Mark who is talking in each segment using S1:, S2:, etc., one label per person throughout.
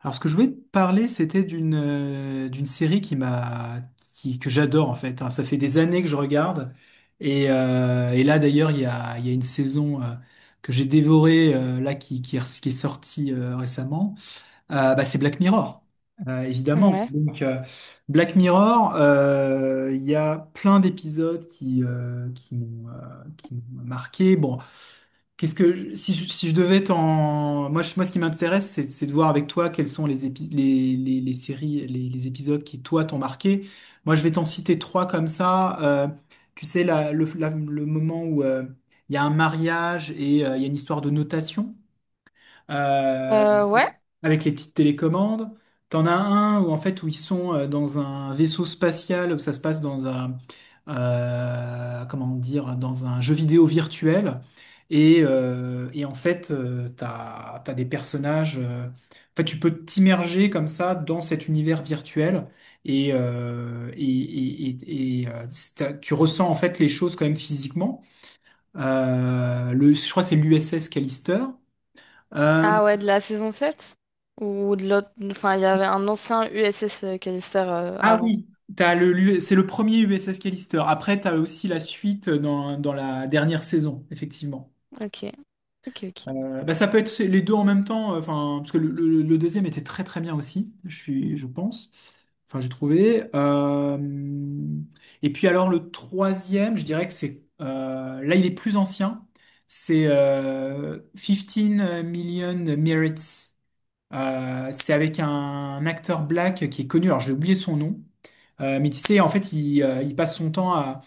S1: Alors, ce que je voulais te parler, c'était d'une d'une série que j'adore en fait, hein. Ça fait des années que je regarde et là d'ailleurs il y a une saison que j'ai dévorée là qui est sortie récemment. Bah, c'est Black Mirror. Évidemment.
S2: Ouais.
S1: Donc. Black Mirror, il y a plein d'épisodes qui m'ont marqué. Bon. Si je, si je devais t'en moi je- Moi, ce qui m'intéresse, c'est de voir avec toi quelles sont les séries, les épisodes qui toi t'ont marqué. Moi, je vais t'en citer trois comme ça. Tu sais, le moment où il y a un mariage et il y a une histoire de notation euh,
S2: Ouais.
S1: avec les petites télécommandes. T'en as un où en fait où ils sont dans un vaisseau spatial, où ça se passe dans un jeu vidéo virtuel. En fait, t'as des personnages. En fait, tu peux t'immerger comme ça dans cet univers virtuel et tu ressens en fait les choses quand même physiquement. Je crois que c'est l'USS Callister. Euh,
S2: Ah ouais, de la saison sept, ou de l'autre. Enfin, il y avait un ancien USS Callister
S1: Ah
S2: avant.
S1: oui, c'est le premier USS Callister. Après, t'as aussi la suite dans la dernière saison, effectivement.
S2: Ok, ok, ok.
S1: Bah, ça peut être les deux en même temps, enfin, parce que le deuxième était très très bien aussi, je pense. Enfin, j'ai trouvé. Et puis alors le troisième, je dirais que c'est, là il est plus ancien. C'est 15 Million Merits. C'est avec un acteur black qui est connu, alors j'ai oublié son nom. Mais tu sais, en fait, il passe son temps à,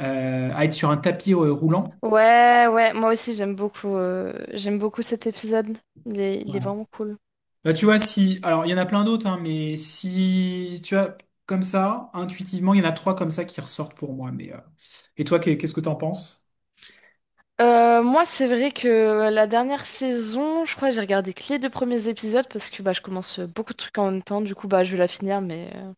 S1: euh, à être sur un tapis roulant.
S2: Ouais, ouais, moi aussi j'aime beaucoup, cet épisode. Il est
S1: Voilà.
S2: vraiment cool.
S1: Bah, tu vois, si, alors il y en a plein d'autres, hein, mais si, tu vois, comme ça, intuitivement, il y en a trois comme ça qui ressortent pour moi. Mais, et toi, qu'est-ce que t'en penses?
S2: Moi, c'est vrai que la dernière saison, je crois que j'ai regardé que les deux premiers épisodes parce que bah, je commence beaucoup de trucs en même temps. Du coup, bah, je vais la finir, mais euh,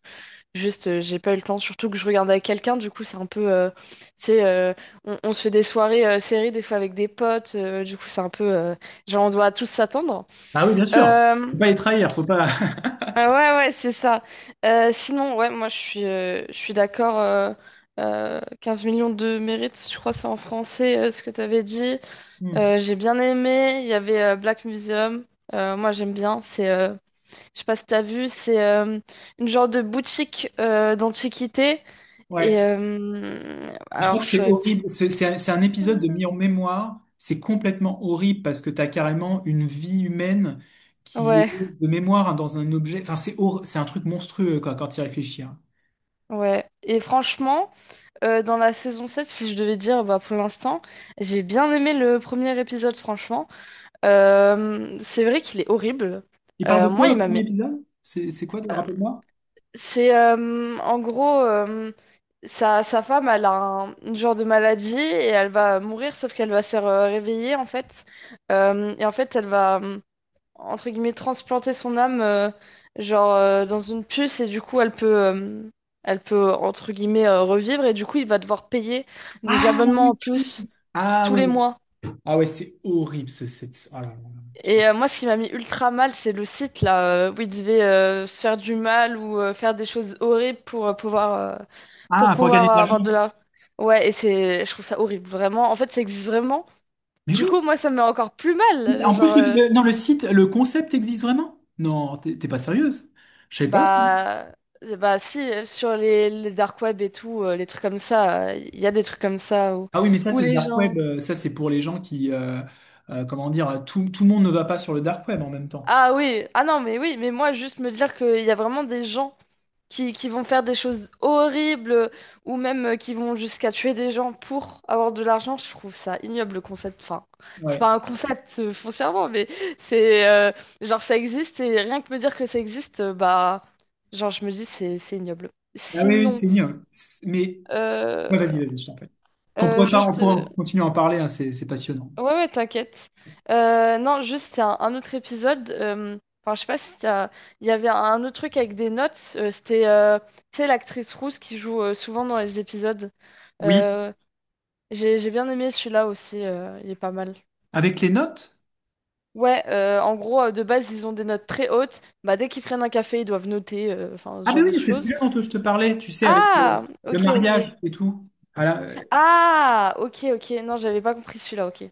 S2: Juste, j'ai pas eu le temps, surtout que je regarde avec quelqu'un, du coup, c'est un peu. C'est, euh, on se fait des soirées séries, des fois avec des potes, du coup, c'est un peu. Genre, on doit tous s'attendre.
S1: Ah oui, bien sûr.
S2: Euh,
S1: Faut pas les trahir, faut pas.
S2: ah ouais, ouais, c'est ça. Sinon, ouais, moi, je suis d'accord. 15 millions de mérites, je crois, c'est en français, ce que t'avais dit.
S1: Hmm.
S2: J'ai bien aimé. Il y avait Black Museum. Moi, j'aime bien. Je sais pas si t'as vu, c'est une genre de boutique d'antiquité. Et
S1: Ouais. Je
S2: alors,
S1: crois que c'est horrible. C'est un épisode de mis en mémoire. C'est complètement horrible parce que tu as carrément une vie humaine qui est
S2: ouais,
S1: de mémoire, hein, dans un objet. Enfin, c'est un truc monstrueux, quoi, quand tu y réfléchis, hein.
S2: ouais. Et franchement, dans la saison sept, si je devais dire, bah, pour l'instant, j'ai bien aimé le premier épisode, franchement. C'est vrai qu'il est horrible.
S1: Il parle de
S2: Euh,
S1: quoi,
S2: moi, il
S1: le
S2: m'a
S1: premier
S2: mis.
S1: épisode? C'est quoi,
S2: Euh,
S1: rappelle-moi?
S2: c'est en gros, sa, sa femme, elle a un une genre de maladie et elle va mourir, sauf qu'elle va se réveiller, en fait. Et en fait, elle va entre guillemets, transplanter son âme, dans une puce, et du coup, elle peut, entre guillemets, revivre, et du coup, il va devoir payer des
S1: Ah
S2: abonnements en
S1: oui!
S2: plus
S1: Ah
S2: tous
S1: ouais,
S2: les
S1: ouais.
S2: mois.
S1: Ah ouais, c'est horrible ce site. Oh là là.
S2: Et moi, ce qui m'a mis ultra mal, c'est le site, là, où il devait se faire du mal ou faire des choses horribles pour euh, pour
S1: Ah, pour gagner
S2: pouvoir
S1: de
S2: avoir de
S1: l'argent.
S2: la. Ouais, et je trouve ça horrible, vraiment. En fait, ça existe vraiment.
S1: Mais
S2: Du
S1: oui.
S2: coup, moi, ça me met encore plus mal.
S1: En plus,
S2: Genre, euh,
S1: non, le site, le concept existe vraiment? Non, t'es pas sérieuse. Je sais pas.
S2: Bah, euh, bah si, sur les dark web et tout, les trucs comme ça, il y a des trucs comme ça où,
S1: Ah oui, mais ça,
S2: où
S1: c'est le
S2: les
S1: dark web.
S2: gens.
S1: Ça, c'est pour les gens qui, comment dire, tout le monde ne va pas sur le dark web en même temps.
S2: Ah oui, ah non, mais oui, mais moi, juste me dire qu'il y a vraiment des gens qui vont faire des choses horribles ou même qui vont jusqu'à tuer des gens pour avoir de l'argent, je trouve ça ignoble le concept. Enfin, c'est
S1: Ouais.
S2: pas un concept foncièrement, mais c'est... euh, ça existe et rien que me dire que ça existe, bah. Genre, je me dis, c'est ignoble.
S1: Ah oui, oui,
S2: Sinon.
S1: c'est mieux. Mais ouais, vas-y,
S2: Euh,
S1: vas-y, je t'en prie. Qu'on
S2: Euh,
S1: pourrait pas, on
S2: juste,
S1: pourrait continuer à en parler, hein. C'est passionnant.
S2: ouais, ouais, t'inquiète. Non, juste, c'est un autre épisode. Enfin je sais pas si t'as. Il y avait un autre truc avec des notes. C'était tu sais, l'actrice rousse qui joue souvent dans les épisodes.
S1: Oui.
S2: Euh, j'ai bien aimé celui-là aussi. Il est pas mal.
S1: Avec les notes?
S2: Ouais, en gros, de base, ils ont des notes très hautes. Bah, dès qu'ils prennent un café, ils doivent noter, enfin, ce
S1: Ah ben
S2: genre
S1: oui,
S2: de
S1: c'est
S2: choses.
S1: celui dont je te parlais. Tu sais, avec
S2: Ah,
S1: le
S2: ok, ok.
S1: mariage et tout. Voilà.
S2: Ah, ok, ok. Non, j'avais pas compris celui-là, ok.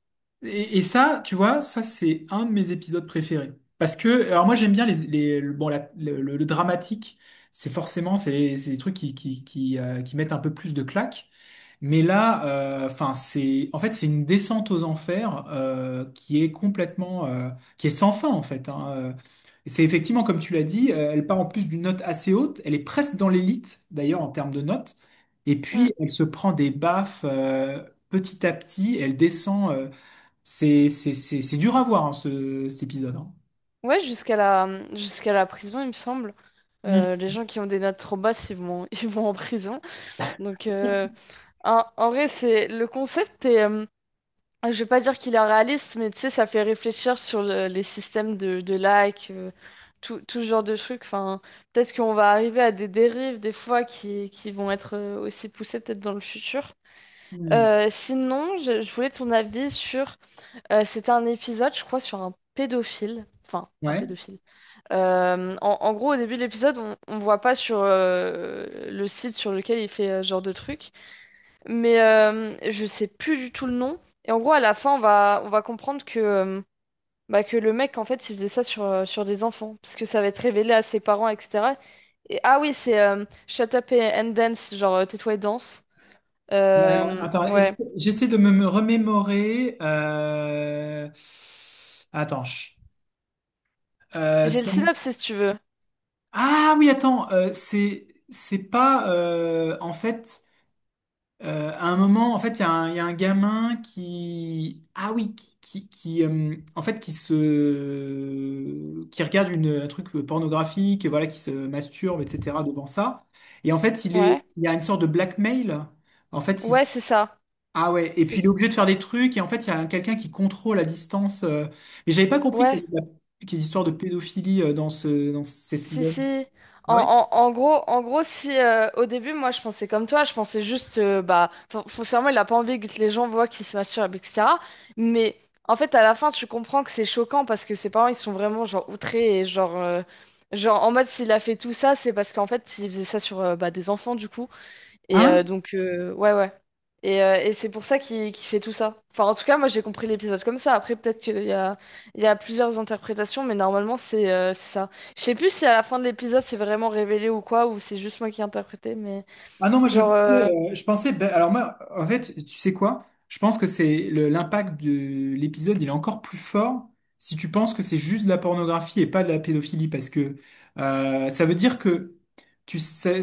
S1: Et ça, tu vois, ça c'est un de mes épisodes préférés. Parce que, alors moi j'aime bien le dramatique, c'est forcément, c'est des trucs qui mettent un peu plus de claque. Mais là, enfin, en fait, c'est une descente aux enfers qui est complètement, qui est sans fin en fait, hein. Et c'est effectivement, comme tu l'as dit, elle part en plus d'une note assez haute. Elle est presque dans l'élite d'ailleurs en termes de notes. Et
S2: Hmm.
S1: puis elle se prend des baffes petit à petit. Elle descend. C'est dur à voir, hein, cet épisode, hein.
S2: Ouais, jusqu'à la prison, il me semble.
S1: Mm.
S2: Les gens qui ont des notes trop basses, ils vont, ils vont en prison. Donc, en vrai, c'est le concept est, je vais pas dire qu'il est réaliste, mais tu sais, ça fait réfléchir sur les systèmes de likes, tout ce genre de trucs. Enfin, peut-être qu'on va arriver à des dérives des fois qui vont être aussi poussées peut-être dans le futur.
S1: Hmm.
S2: Sinon, je voulais ton avis sur. C'était un épisode, je crois, sur un pédophile. Enfin, un
S1: Ouais.
S2: pédophile. En gros, au début de l'épisode, on voit pas sur le site sur lequel il fait ce genre de truc, mais je sais plus du tout le nom. Et en gros, à la fin, on va comprendre que, bah, que le mec, en fait, il faisait ça sur des enfants, parce que ça va être révélé à ses parents, etc. Et ah oui, c'est Shut Up and Dance, genre tais-toi et danse.
S1: Euh,
S2: Euh,
S1: Attends,
S2: ouais.
S1: j'essaie de me remémorer. Attends. Euh,
S2: J'ai le
S1: c'est-
S2: synopsis si tu veux.
S1: Ah oui, attends. C'est pas en fait. À un moment, en fait, il y a un gamin en fait, qui regarde un truc pornographique, voilà, qui se masturbe, etc. devant ça. Et en fait,
S2: Ouais.
S1: il y a une sorte de blackmail. En fait, il-
S2: Ouais, c'est ça.
S1: ah ouais. Et
S2: C'est
S1: puis il
S2: ça.
S1: est obligé de faire des trucs. Et en fait, il y a quelqu'un qui contrôle à distance. Mais j'avais pas compris
S2: Ouais.
S1: qu'il y ait des histoires de pédophilie dans dans cet
S2: Si,
S1: épisode.
S2: si. En,
S1: Ah ouais?
S2: en- en gros, en gros, si au début, moi, je pensais comme toi, je pensais juste, bah, foncièrement, il a pas envie que les gens voient qu'il se masturbe, etc. Mais en fait, à la fin, tu comprends que c'est choquant parce que ses parents, ils sont vraiment, genre, outrés et genre, en mode, s'il a fait tout ça, c'est parce qu'en fait, il faisait ça sur bah, des enfants, du coup. Et donc, ouais, ouais. Et c'est pour ça qu'il fait tout ça. Enfin, en tout cas, moi, j'ai compris l'épisode comme ça. Après, peut-être qu'il y a plusieurs interprétations, mais normalement, c'est ça. Je sais plus si à la fin de l'épisode, c'est vraiment révélé ou quoi, ou c'est juste moi qui ai interprété, mais
S1: Ah non, moi je
S2: genre, euh,
S1: pensais, ben, alors moi, en fait, tu sais quoi? Je pense que c'est l'impact de l'épisode, il est encore plus fort si tu penses que c'est juste de la pornographie et pas de la pédophilie, parce que ça veut dire que, tu sais,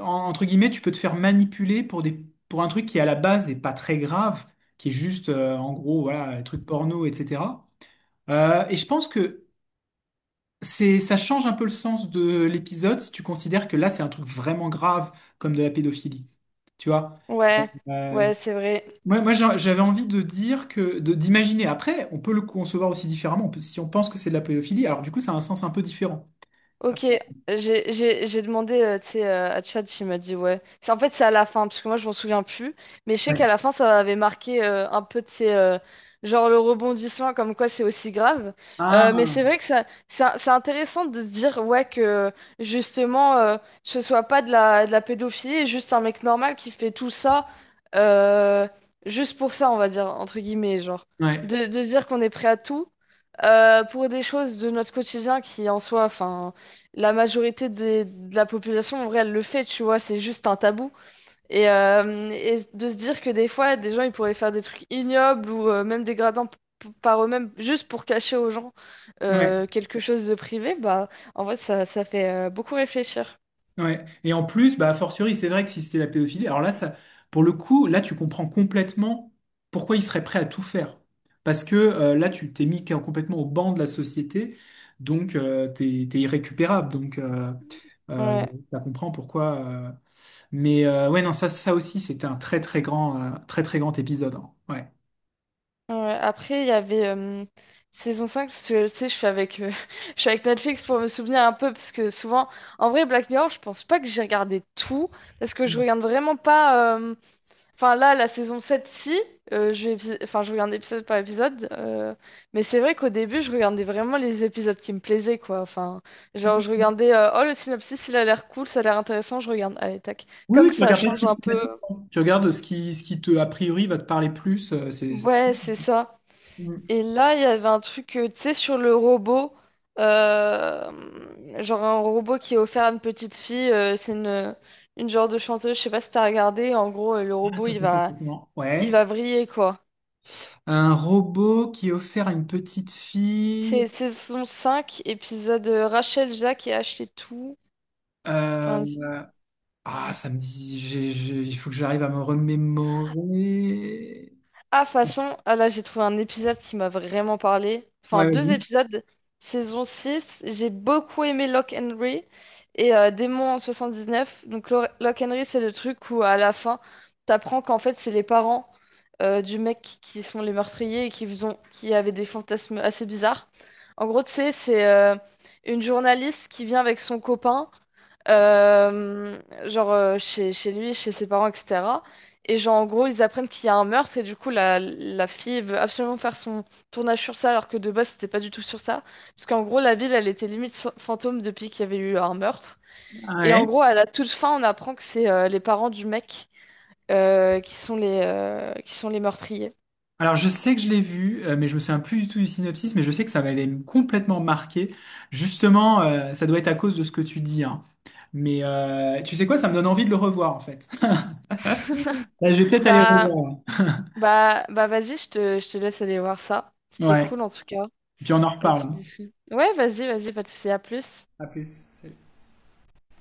S1: entre guillemets, tu peux te faire manipuler pour pour un truc qui à la base est pas très grave, qui est juste, en gros, voilà, les trucs porno, etc. Et je pense que ça change un peu le sens de l'épisode si tu considères que là, c'est un truc vraiment grave comme de la pédophilie. Tu vois?
S2: ouais,
S1: Euh,
S2: ouais, c'est vrai.
S1: Moi, j'avais envie de dire que, d'imaginer. Après, on peut le concevoir aussi différemment. Si on pense que c'est de la pédophilie, alors du coup, ça a un sens un peu différent.
S2: Ok, j'ai demandé tu sais, à Tchad, il m'a dit ouais. En fait, c'est à la fin, parce que moi, je m'en souviens plus. Mais je sais qu'à
S1: Ouais.
S2: la fin, ça avait marqué un peu, de ces genre le rebondissement, comme quoi c'est aussi grave. Mais
S1: Ah,
S2: c'est vrai que ça, c'est intéressant de se dire, ouais, que justement, ce soit pas de la pédophilie, juste un mec normal qui fait tout ça, euh, juste pour ça, on va dire, entre guillemets, genre.
S1: ouais.
S2: De dire qu'on est prêt à tout. Pour des choses de notre quotidien qui en soi, enfin, la majorité de la population en vrai, elle le fait, tu vois, c'est juste un tabou. Et de se dire que des fois, des gens, ils pourraient faire des trucs ignobles ou même dégradants par eux-mêmes, juste pour cacher aux gens
S1: Ouais.
S2: quelque chose de privé, bah, en fait, ça fait beaucoup réfléchir.
S1: Ouais. Et en plus, bah, a fortiori, c'est vrai que si c'était la pédophilie, alors là, ça, pour le coup, là, tu comprends complètement pourquoi il serait prêt à tout faire. Parce que là, tu t'es mis complètement au banc de la société, donc t'es irrécupérable. Donc, euh,
S2: Ouais.
S1: ça comprend pourquoi. Mais ouais, non, ça aussi, c'était un très, très grand épisode, hein. Ouais.
S2: Ouais, après, il y avait saison 5 parce que tu sais, je suis avec, je suis avec Netflix pour me souvenir un peu, parce que souvent, en vrai, Black Mirror, je pense pas que j'ai regardé tout, parce que je
S1: Mm.
S2: regarde vraiment pas. Enfin là, la saison sept, si, enfin, je regarde épisode par épisode, mais c'est vrai qu'au début, je regardais vraiment les épisodes qui me plaisaient, quoi. Enfin, genre, je regardais, oh, le synopsis, il a l'air cool, ça a l'air intéressant, je regarde, allez, tac.
S1: Oui, oui,
S2: Comme
S1: tu
S2: ça
S1: regardes pas
S2: change un peu.
S1: systématiquement. Tu regardes ce qui te, a priori, va te parler plus.
S2: Ouais, c'est ça.
S1: Mm.
S2: Et là, il y avait un truc, tu sais, sur le robot. Genre un robot qui est offert à une petite fille. C'est une genre de chanteuse. Je sais pas si t'as regardé. En gros, le robot,
S1: Attends,
S2: il
S1: attends, attends,
S2: va,
S1: attends.
S2: il
S1: Ouais.
S2: va vriller, quoi.
S1: Un robot qui est offert à une petite fille.
S2: C'est saison 5 épisode Rachel, Jacques et Ashley tout.
S1: euh,
S2: Enfin.
S1: Ah, ça me dit. Il faut que j'arrive à me remémorer.
S2: Ah, façon, ah là, j'ai trouvé un épisode qui m'a vraiment parlé. Enfin,
S1: Ouais,
S2: deux
S1: vas-y.
S2: épisodes, saison six. J'ai beaucoup aimé Lock Henry et Démon en neuf. Donc, Lock Henry, c'est le truc où, à la fin, t'apprends qu'en fait, c'est les parents du mec qui sont les meurtriers et qui avaient des fantasmes assez bizarres. En gros, tu sais, c'est une journaliste qui vient avec son copain, euh, chez lui, chez ses parents, etc. Et genre, en gros, ils apprennent qu'il y a un meurtre et du coup, la fille veut absolument faire son tournage sur ça alors que de base, c'était pas du tout sur ça. Parce qu'en gros, la ville, elle était limite fantôme depuis qu'il y avait eu un meurtre. Et en
S1: Ouais.
S2: gros, à la toute fin, on apprend que c'est les parents du mec qui sont les meurtriers.
S1: Alors, je sais que je l'ai vu, mais je me souviens plus du tout du synopsis, mais je sais que ça m'avait complètement marqué. Justement, ça doit être à cause de ce que tu dis, hein. Mais tu sais quoi, ça me donne envie de le revoir, en fait. Là, je vais peut-être aller le
S2: Bah,
S1: revoir.
S2: bah, vas-y, je te laisse aller voir ça. C'était
S1: Ouais.
S2: cool en tout cas,
S1: Puis on en
S2: la
S1: reparle.
S2: petite discussion. Ouais, vas-y, vas-y, pas de soucis, à plus.
S1: À plus.